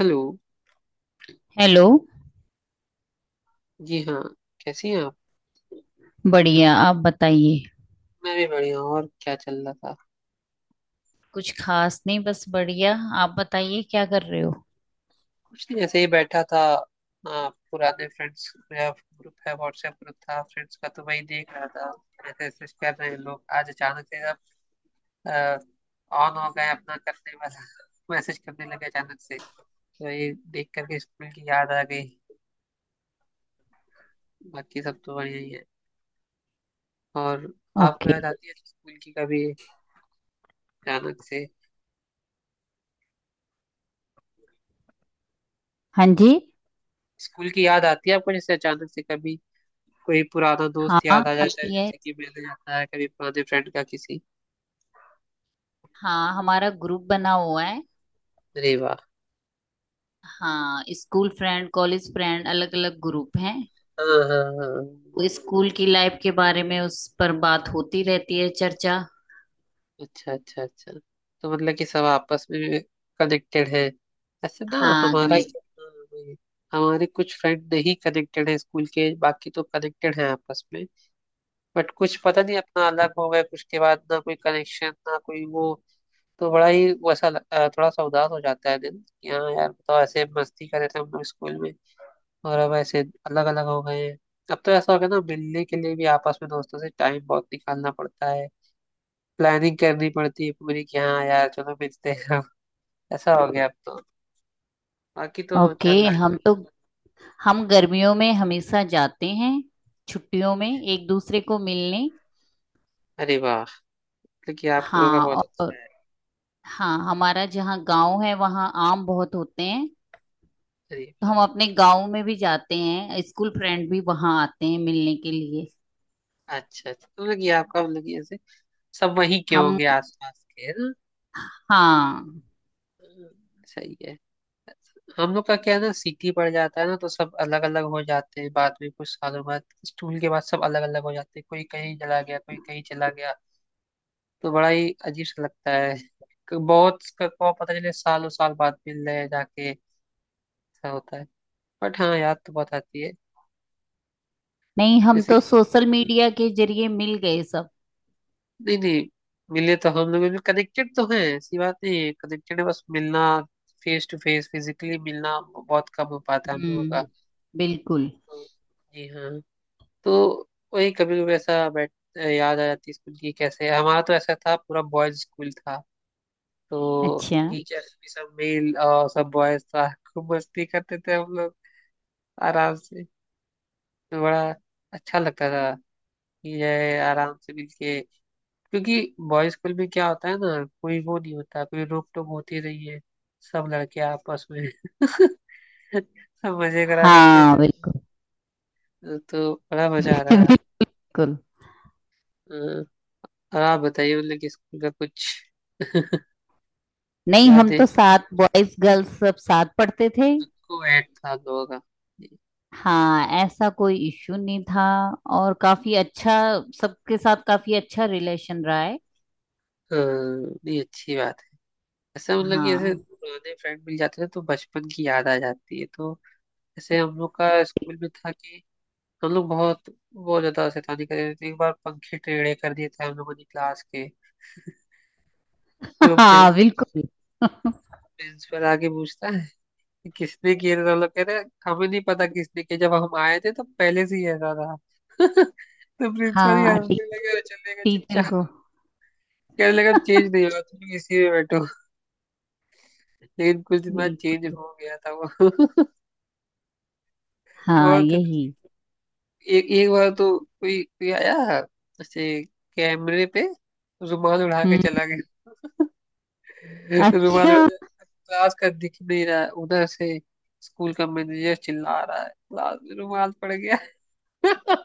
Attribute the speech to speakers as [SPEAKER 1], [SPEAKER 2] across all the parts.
[SPEAKER 1] Hello.
[SPEAKER 2] Hello.
[SPEAKER 1] जी हाँ। कैसी हैं आप?
[SPEAKER 2] बढ़िया, आप बताइए।
[SPEAKER 1] मैं भी बढ़िया हूँ। और क्या चल रहा था?
[SPEAKER 2] कुछ खास नहीं, बस बढ़िया। आप बताइए क्या कर रहे हो।
[SPEAKER 1] कुछ नहीं, ऐसे ही बैठा था। पुराने फ्रेंड्स मेरा ग्रुप है, व्हाट्सएप ग्रुप था फ्रेंड्स का, तो वही देख रहा था। ऐसे मैसेज कर रहे हैं लोग आज अचानक से, सब ऑन हो गए अपना करने वाला मैसेज करने लगे अचानक से। तो ये देख करके स्कूल की याद आ गई। बाकी सब तो बढ़िया ही है। और आपको
[SPEAKER 2] ओके।
[SPEAKER 1] याद आती है स्कूल की कभी अचानक से?
[SPEAKER 2] हाँ जी।
[SPEAKER 1] स्कूल की याद आती है आपको जैसे अचानक से कभी? कोई पुराना दोस्त
[SPEAKER 2] हाँ,
[SPEAKER 1] याद आ जाता है,
[SPEAKER 2] आती है।
[SPEAKER 1] जैसे कि मैंने आता है कभी पुराने फ्रेंड का किसी।
[SPEAKER 2] हाँ, हमारा ग्रुप बना हुआ है।
[SPEAKER 1] अरे वाह।
[SPEAKER 2] हाँ, स्कूल फ्रेंड, कॉलेज फ्रेंड, अलग अलग ग्रुप हैं।
[SPEAKER 1] हाँ हाँ हाँ।
[SPEAKER 2] वो स्कूल की लाइफ के बारे में उस पर बात होती रहती है, चर्चा।
[SPEAKER 1] अच्छा अच्छा अच्छा। तो मतलब कि सब आपस में कनेक्टेड है ऐसे, ना?
[SPEAKER 2] हाँ,
[SPEAKER 1] हमारा
[SPEAKER 2] कनेक्ट।
[SPEAKER 1] हाँ, हमारे कुछ फ्रेंड नहीं कनेक्टेड है स्कूल के, बाकी तो कनेक्टेड है आपस में। बट कुछ पता नहीं अपना अलग हो गए कुछ के बाद, ना कोई कनेक्शन ना कोई वो। तो बड़ा ही वैसा थोड़ा सा उदास हो जाता है दिन कि हाँ यार, बताओ ऐसे मस्ती कर रहे थे हम लोग स्कूल में, और अब ऐसे अलग अलग हो गए हैं। अब तो ऐसा हो गया ना, मिलने के लिए भी आपस में दोस्तों से टाइम बहुत निकालना पड़ता है। प्लानिंग करनी पड़ती है पूरी कि हाँ यार चलो मिलते हैं अब। ऐसा हो गया अब तो। बाकी तो
[SPEAKER 2] ओके।
[SPEAKER 1] चल रहा है।
[SPEAKER 2] हम गर्मियों में हमेशा जाते हैं छुट्टियों में,
[SPEAKER 1] अरे वाह।
[SPEAKER 2] एक दूसरे को मिलने।
[SPEAKER 1] अरे वाह। मतलब कि आप लोगों का
[SPEAKER 2] हाँ।
[SPEAKER 1] बहुत अच्छा
[SPEAKER 2] और
[SPEAKER 1] है।
[SPEAKER 2] हाँ, हमारा जहाँ गांव है वहाँ आम बहुत होते हैं।
[SPEAKER 1] अरे
[SPEAKER 2] तो
[SPEAKER 1] वाह।
[SPEAKER 2] हम अपने गांव में भी जाते हैं, स्कूल फ्रेंड भी वहाँ आते हैं मिलने के लिए।
[SPEAKER 1] अच्छा अच्छा, तो मतलब कि आपका मतलब कि ऐसे सब वहीं के
[SPEAKER 2] हम।
[SPEAKER 1] होंगे आसपास के, है ना?
[SPEAKER 2] हाँ।
[SPEAKER 1] हम्म, सही है। हम लोग का क्या है ना, सिटी पड़ जाता है ना, तो सब अलग अलग हो जाते हैं बाद में, कुछ सालों बाद स्कूल के बाद सब अलग अलग हो जाते हैं, कोई कहीं चला गया कोई कहीं चला गया। तो बड़ा ही अजीब सा लगता है। को पता चले सालों साल बाद मिल रहे हैं जाके। ऐसा होता है। बट हाँ, याद तो बहुत आती है।
[SPEAKER 2] नहीं, हम
[SPEAKER 1] जैसे
[SPEAKER 2] तो
[SPEAKER 1] कि
[SPEAKER 2] सोशल मीडिया के जरिए मिल गए सब।
[SPEAKER 1] नहीं नहीं, मिले तो हम लोग, कनेक्टेड तो हैं, ऐसी बात नहीं है, कनेक्टेड है, बस मिलना फेस टू फेस फिजिकली मिलना बहुत कम हो पाता है हम लोगों का।
[SPEAKER 2] हम्म। बिल्कुल।
[SPEAKER 1] जी हाँ। तो वही कभी कभी ऐसा बैठ याद आ जाती है स्कूल की। कैसे हमारा तो ऐसा था, पूरा बॉयज स्कूल था। तो
[SPEAKER 2] अच्छा।
[SPEAKER 1] टीचर्स भी सब मेल और सब बॉयज था, खूब मस्ती करते थे हम लोग आराम से। तो बड़ा अच्छा लगता था कि ये आराम से मिलके, क्योंकि बॉयज स्कूल में क्या होता है ना, कोई वो नहीं होता, कोई रोक टोक होती नहीं है। सब लड़के आपस में सब मजे करा करते
[SPEAKER 2] हाँ,
[SPEAKER 1] थे।
[SPEAKER 2] बिल्कुल।
[SPEAKER 1] तो बड़ा मजा आ रहा था।
[SPEAKER 2] बिल्कुल।
[SPEAKER 1] अ, और आप बताइए मतलब कि स्कूल का कुछ
[SPEAKER 2] नहीं, हम
[SPEAKER 1] याद है?
[SPEAKER 2] तो साथ बॉयज गर्ल्स सब साथ पढ़ते थे।
[SPEAKER 1] सबको ऐड था दोनों का।
[SPEAKER 2] हाँ, ऐसा कोई इश्यू नहीं था। और काफी अच्छा, सबके साथ काफी अच्छा रिलेशन रहा है।
[SPEAKER 1] अ, ये अच्छी बात है। ऐसा मतलब कि ऐसे
[SPEAKER 2] हाँ।
[SPEAKER 1] पुराने फ्रेंड मिल जाते हैं तो बचपन की याद आ जाती है तो। ऐसे हम लोग का स्कूल में था कि हम लोग बहुत बहुत ज्यादा शैतानी कर रहे थे। एक बार पंखे टेढ़े कर दिए थे हम लोगों ने क्लास के। तो
[SPEAKER 2] हाँ, बिल्कुल।
[SPEAKER 1] प्रिंसिपल आके पूछता है कि किसने किए थे, तो हम लोग कह रहे हैं, हमें नहीं पता किसने किए, जब हम आए थे तो पहले से ही ऐसा था। तो प्रिंसिपल ही
[SPEAKER 2] हाँ टी,
[SPEAKER 1] हंसने लगे और चले गए
[SPEAKER 2] टीचर
[SPEAKER 1] चुपचाप।
[SPEAKER 2] को।
[SPEAKER 1] कहने लगा चेंज नहीं होगा, तुम इसी में बैठो। लेकिन कुछ दिन बाद चेंज
[SPEAKER 2] बिल्कुल।
[SPEAKER 1] हो गया था वो।
[SPEAKER 2] हाँ,
[SPEAKER 1] बहुत
[SPEAKER 2] यही।
[SPEAKER 1] एक एक बार तो कोई कोई आया ऐसे कैमरे पे रुमाल उड़ा के
[SPEAKER 2] हम्म।
[SPEAKER 1] चला गया। रुमाल
[SPEAKER 2] अच्छा।
[SPEAKER 1] उड़ा के, क्लास का दिख नहीं रहा है उधर से, स्कूल का मैनेजर चिल्ला रहा है क्लास में रुमाल पड़ गया।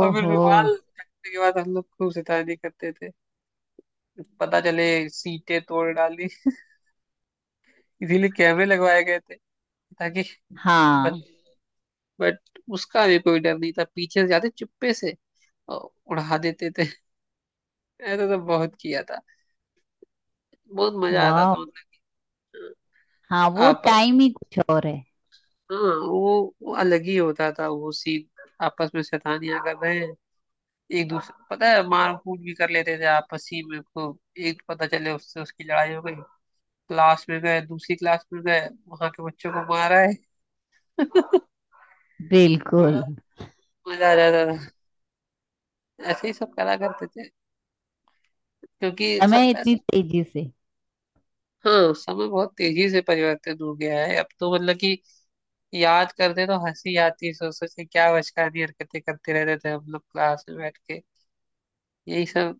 [SPEAKER 1] और फिर
[SPEAKER 2] ओहो।
[SPEAKER 1] रुमाल कटने के बाद हम लोग खूब शैतानी करते थे। पता चले सीटें तोड़ डाली। इसीलिए कैमरे लगवाए गए थे ताकि। बट
[SPEAKER 2] हाँ।
[SPEAKER 1] बट उसका भी कोई डर नहीं था, पीछे से जाते चुप्पे से अ, उड़ा देते थे। ऐसा तो बहुत किया था। बहुत मजा आता
[SPEAKER 2] वाह।
[SPEAKER 1] था मतलब।
[SPEAKER 2] हाँ,
[SPEAKER 1] हाँ,
[SPEAKER 2] वो
[SPEAKER 1] आपस।
[SPEAKER 2] टाइम ही कुछ और है।
[SPEAKER 1] हाँ, वो अलग ही होता था वो सीन। आपस में शैतानियां कर रहे हैं, एक दूसरे पता है मार कूट भी कर लेते थे आपस ही में खूब। एक पता चले उससे उसकी लड़ाई हो गई, क्लास में गए दूसरी क्लास में गए वहां के बच्चों को मारा है। बड़ा
[SPEAKER 2] बिल्कुल।
[SPEAKER 1] मजा आ जाता था, ऐसे ही सब करा करते थे, क्योंकि सब
[SPEAKER 2] समय इतनी
[SPEAKER 1] ऐसे।
[SPEAKER 2] तेजी से।
[SPEAKER 1] हाँ समय बहुत तेजी से परिवर्तित हो गया है अब तो, मतलब कि याद करते तो हंसी आती सोच सोच के क्या बचकानी हरकतें करते रहते थे हम लोग क्लास में बैठ के, यही सब।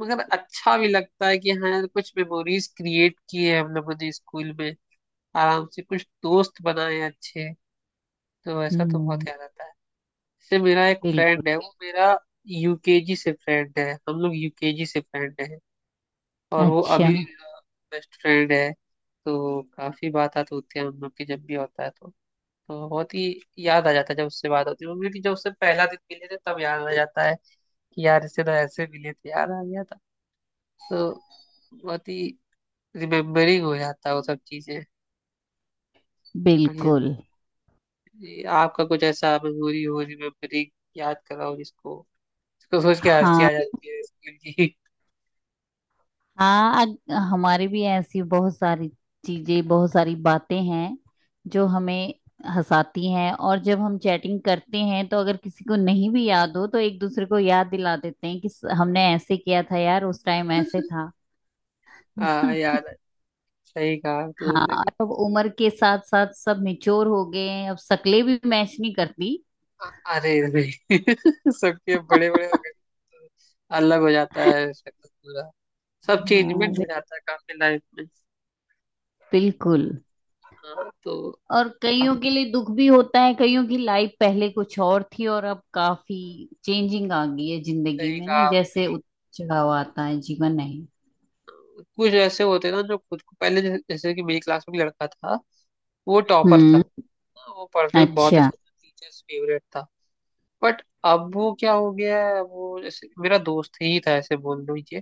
[SPEAKER 1] मगर अच्छा भी लगता है कि हाँ कुछ मेमोरीज क्रिएट किए हम लोगों ने स्कूल में, आराम से कुछ दोस्त बनाए अच्छे। तो ऐसा तो
[SPEAKER 2] हम्म।
[SPEAKER 1] बहुत याद आता है। जैसे मेरा एक
[SPEAKER 2] बिल्कुल।
[SPEAKER 1] फ्रेंड है वो मेरा यूकेजी से फ्रेंड है, हम लोग यूकेजी से फ्रेंड है। और वो
[SPEAKER 2] अच्छा।
[SPEAKER 1] अभी बेस्ट फ्रेंड है। तो काफी बात आती होती है हम लोग की जब भी होता है तो। तो बहुत ही याद आ जाता है जब उससे बात होती है। वो भी जब उससे पहला दिन मिले थे तब याद आ जाता है कि यार इससे तो ऐसे मिले थे, याद आ गया था तो। बहुत ही रिमेम्बरिंग हो जाता है वो सब चीजें। बढ़िया।
[SPEAKER 2] बिल्कुल।
[SPEAKER 1] ये आपका कुछ ऐसा मेमोरी हो रिमेम्बरिंग, याद कराओ जिसको, जिसको सोच के हंसी
[SPEAKER 2] हाँ।
[SPEAKER 1] आ जाती है स्कूल की।
[SPEAKER 2] हमारे भी ऐसी बहुत सारी चीजें, बहुत सारी बातें हैं जो हमें हंसाती हैं। और जब हम चैटिंग करते हैं तो अगर किसी को नहीं भी याद हो तो एक दूसरे को याद दिला देते हैं कि हमने ऐसे किया था यार, उस टाइम ऐसे था।
[SPEAKER 1] हाँ यार, सही कहा तो
[SPEAKER 2] हाँ, और
[SPEAKER 1] लगी।
[SPEAKER 2] अब उम्र के साथ साथ सब मेच्योर हो गए हैं, अब शक्लें भी मैच नहीं करती।
[SPEAKER 1] अरे नहीं। सबके बड़े बड़े हो गए तो अलग हो जाता है शक्ल पूरा। सब चेंजमेंट
[SPEAKER 2] हाँ,
[SPEAKER 1] हो जाता है काफी लाइफ में।
[SPEAKER 2] बिल्कुल।
[SPEAKER 1] हाँ, तो
[SPEAKER 2] और
[SPEAKER 1] आप
[SPEAKER 2] कईयों के लिए दुख भी होता है, कईयों की लाइफ पहले कुछ और थी और अब काफी चेंजिंग आ गई है जिंदगी
[SPEAKER 1] सही
[SPEAKER 2] में ना,
[SPEAKER 1] कहा आपने।
[SPEAKER 2] जैसे उतार चढ़ाव आता है, जीवन है।
[SPEAKER 1] कुछ ऐसे होते हैं ना जो खुद को पहले जैसे कि मेरी क्लास में एक लड़का था, वो टॉपर था।
[SPEAKER 2] हम्म।
[SPEAKER 1] हाँ, वो पढ़ते में बहुत
[SPEAKER 2] अच्छा।
[SPEAKER 1] अच्छा था, टीचर्स फेवरेट था। बट अब वो क्या हो गया है, अब वो जैसे मेरा दोस्त ही था ऐसे बोल लो ये।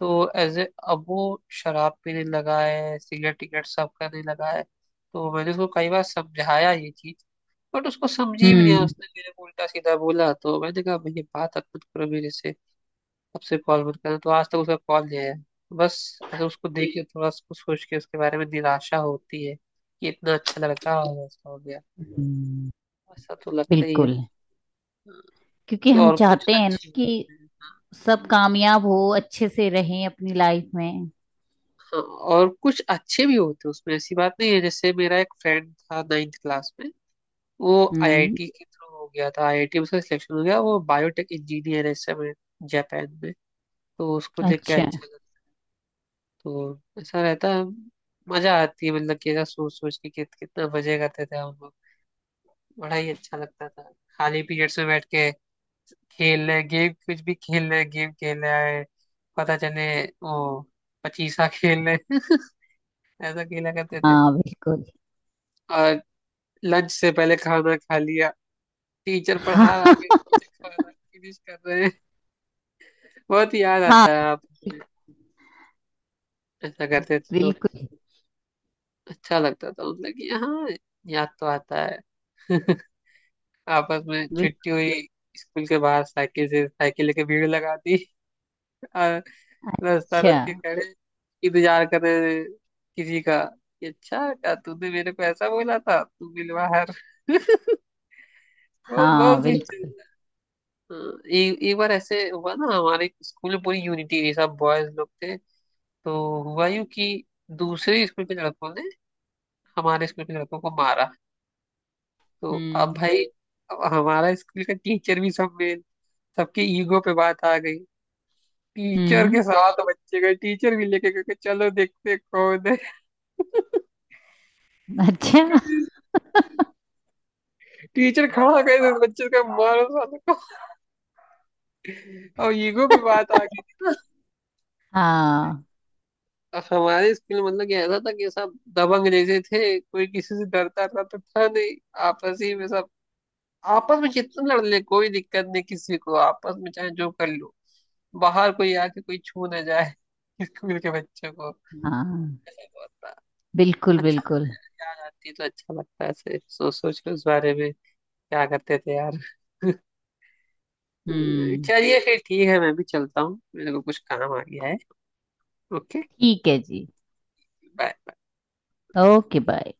[SPEAKER 1] तो एज ए अब वो शराब पीने लगा है, सिगरेट टिगरेट सब करने लगा है। तो मैंने उसको कई बार समझाया ये चीज। बट उसको समझी भी नहीं,
[SPEAKER 2] हम्म।
[SPEAKER 1] उसने मेरे को उल्टा सीधा बोला। तो मैंने कहा भैया बात मत करो मेरे से, अब से कॉल मत करना। तो आज तक उसका कॉल नहीं आया बस। ऐसे उसको देख के थोड़ा उसको सोच के उसके बारे में निराशा होती है कि इतना अच्छा लड़का और ऐसा हो गया।
[SPEAKER 2] हम्म,
[SPEAKER 1] ऐसा तो लगता ही है।
[SPEAKER 2] बिल्कुल। क्योंकि हम
[SPEAKER 1] और कुछ
[SPEAKER 2] चाहते हैं ना
[SPEAKER 1] अच्छे भी
[SPEAKER 2] कि
[SPEAKER 1] होते हैं। हाँ,
[SPEAKER 2] सब कामयाब हो, अच्छे से रहें अपनी लाइफ में।
[SPEAKER 1] और कुछ अच्छे भी होते हैं, उसमें ऐसी बात नहीं है। जैसे मेरा एक फ्रेंड था नाइन्थ क्लास में, वो
[SPEAKER 2] हम्म।
[SPEAKER 1] आईआईटी के थ्रू हो गया था, आईआईटी में उसका सिलेक्शन हो गया। वो बायोटेक इंजीनियर है इस समय जापान में। तो उसको देख के
[SPEAKER 2] अच्छा।
[SPEAKER 1] अच्छा लगा। तो ऐसा रहता है। मजा आती है मतलब कि ऐसा सोच सोच के कितना मजे करते थे हम लोग। बड़ा ही अच्छा लगता था खाली पीरियड्स में बैठ के खेल रहे गेम, कुछ भी खेल रहे, गेम खेल रहे हैं, पता चले वो पचीसा खेल रहे। ऐसा खेला करते थे।
[SPEAKER 2] हाँ, बिल्कुल।
[SPEAKER 1] और लंच से पहले खाना खा लिया, टीचर पढ़ा रहा
[SPEAKER 2] हाँ।
[SPEAKER 1] आगे, टीचर खाना फिनिश कर रहे हैं। बहुत याद आता
[SPEAKER 2] हाँ,
[SPEAKER 1] है आप ऐसा करते थे तो।
[SPEAKER 2] बिल्कुल
[SPEAKER 1] अच्छा लगता था मतलब कि हाँ, याद तो आता है। आपस में
[SPEAKER 2] बिल्कुल।
[SPEAKER 1] छुट्टी हुई, स्कूल के बाहर साइकिल से, साइकिल लेके भीड़ लगा दी। और रास्ता
[SPEAKER 2] अच्छा।
[SPEAKER 1] रोक के खड़े, इंतजार कर रहे किसी का कि अच्छा क्या तूने मेरे को ऐसा बोला था, तू मिल बाहर। बहुत
[SPEAKER 2] हाँ,
[SPEAKER 1] बहुत सी
[SPEAKER 2] बिल्कुल।
[SPEAKER 1] चीज़ है। हाँ, एक एक बार ऐसे हुआ ना, हमारे स्कूल में पूरी यूनिटी थी, सब बॉयज लोग थे। तो हुआ यूं कि दूसरे स्कूल के लड़कों ने हमारे स्कूल के लड़कों को मारा। तो अब
[SPEAKER 2] हम्म।
[SPEAKER 1] भाई, अब हमारा स्कूल का टीचर भी सब में, सबके ईगो पे बात आ गई। टीचर
[SPEAKER 2] हम्म।
[SPEAKER 1] के साथ बच्चे गए, टीचर भी लेके गए कि चलो देखते कौन है
[SPEAKER 2] अच्छा।
[SPEAKER 1] उसको भी। टीचर खड़ा कर दे बच्चे का, मारो साले को। और ईगो पे बात आ गई थी ना।
[SPEAKER 2] हाँ।
[SPEAKER 1] हमारे स्कूल में मतलब कि ऐसा था कि सब दबंग जैसे थे, कोई किसी से डरता डरता था नहीं। आपस ही में सब, आपस में जितना लड़ ले कोई दिक्कत नहीं किसी को, आपस में चाहे जो कर लो, बाहर कोई आके कोई छू ना जाए स्कूल के बच्चों को।
[SPEAKER 2] हाँ,
[SPEAKER 1] ऐसा बहुत था।
[SPEAKER 2] बिल्कुल
[SPEAKER 1] अच्छा,
[SPEAKER 2] बिल्कुल।
[SPEAKER 1] याद आती है तो अच्छा लगता है ऐसे सोच सोच के उस बारे में, क्या करते थे यार।
[SPEAKER 2] हम्म।
[SPEAKER 1] चलिए फिर ठीक है, मैं भी चलता हूँ, मेरे को कुछ काम आ गया है। ओके
[SPEAKER 2] ठीक है जी।
[SPEAKER 1] बाय।
[SPEAKER 2] Okay, bye.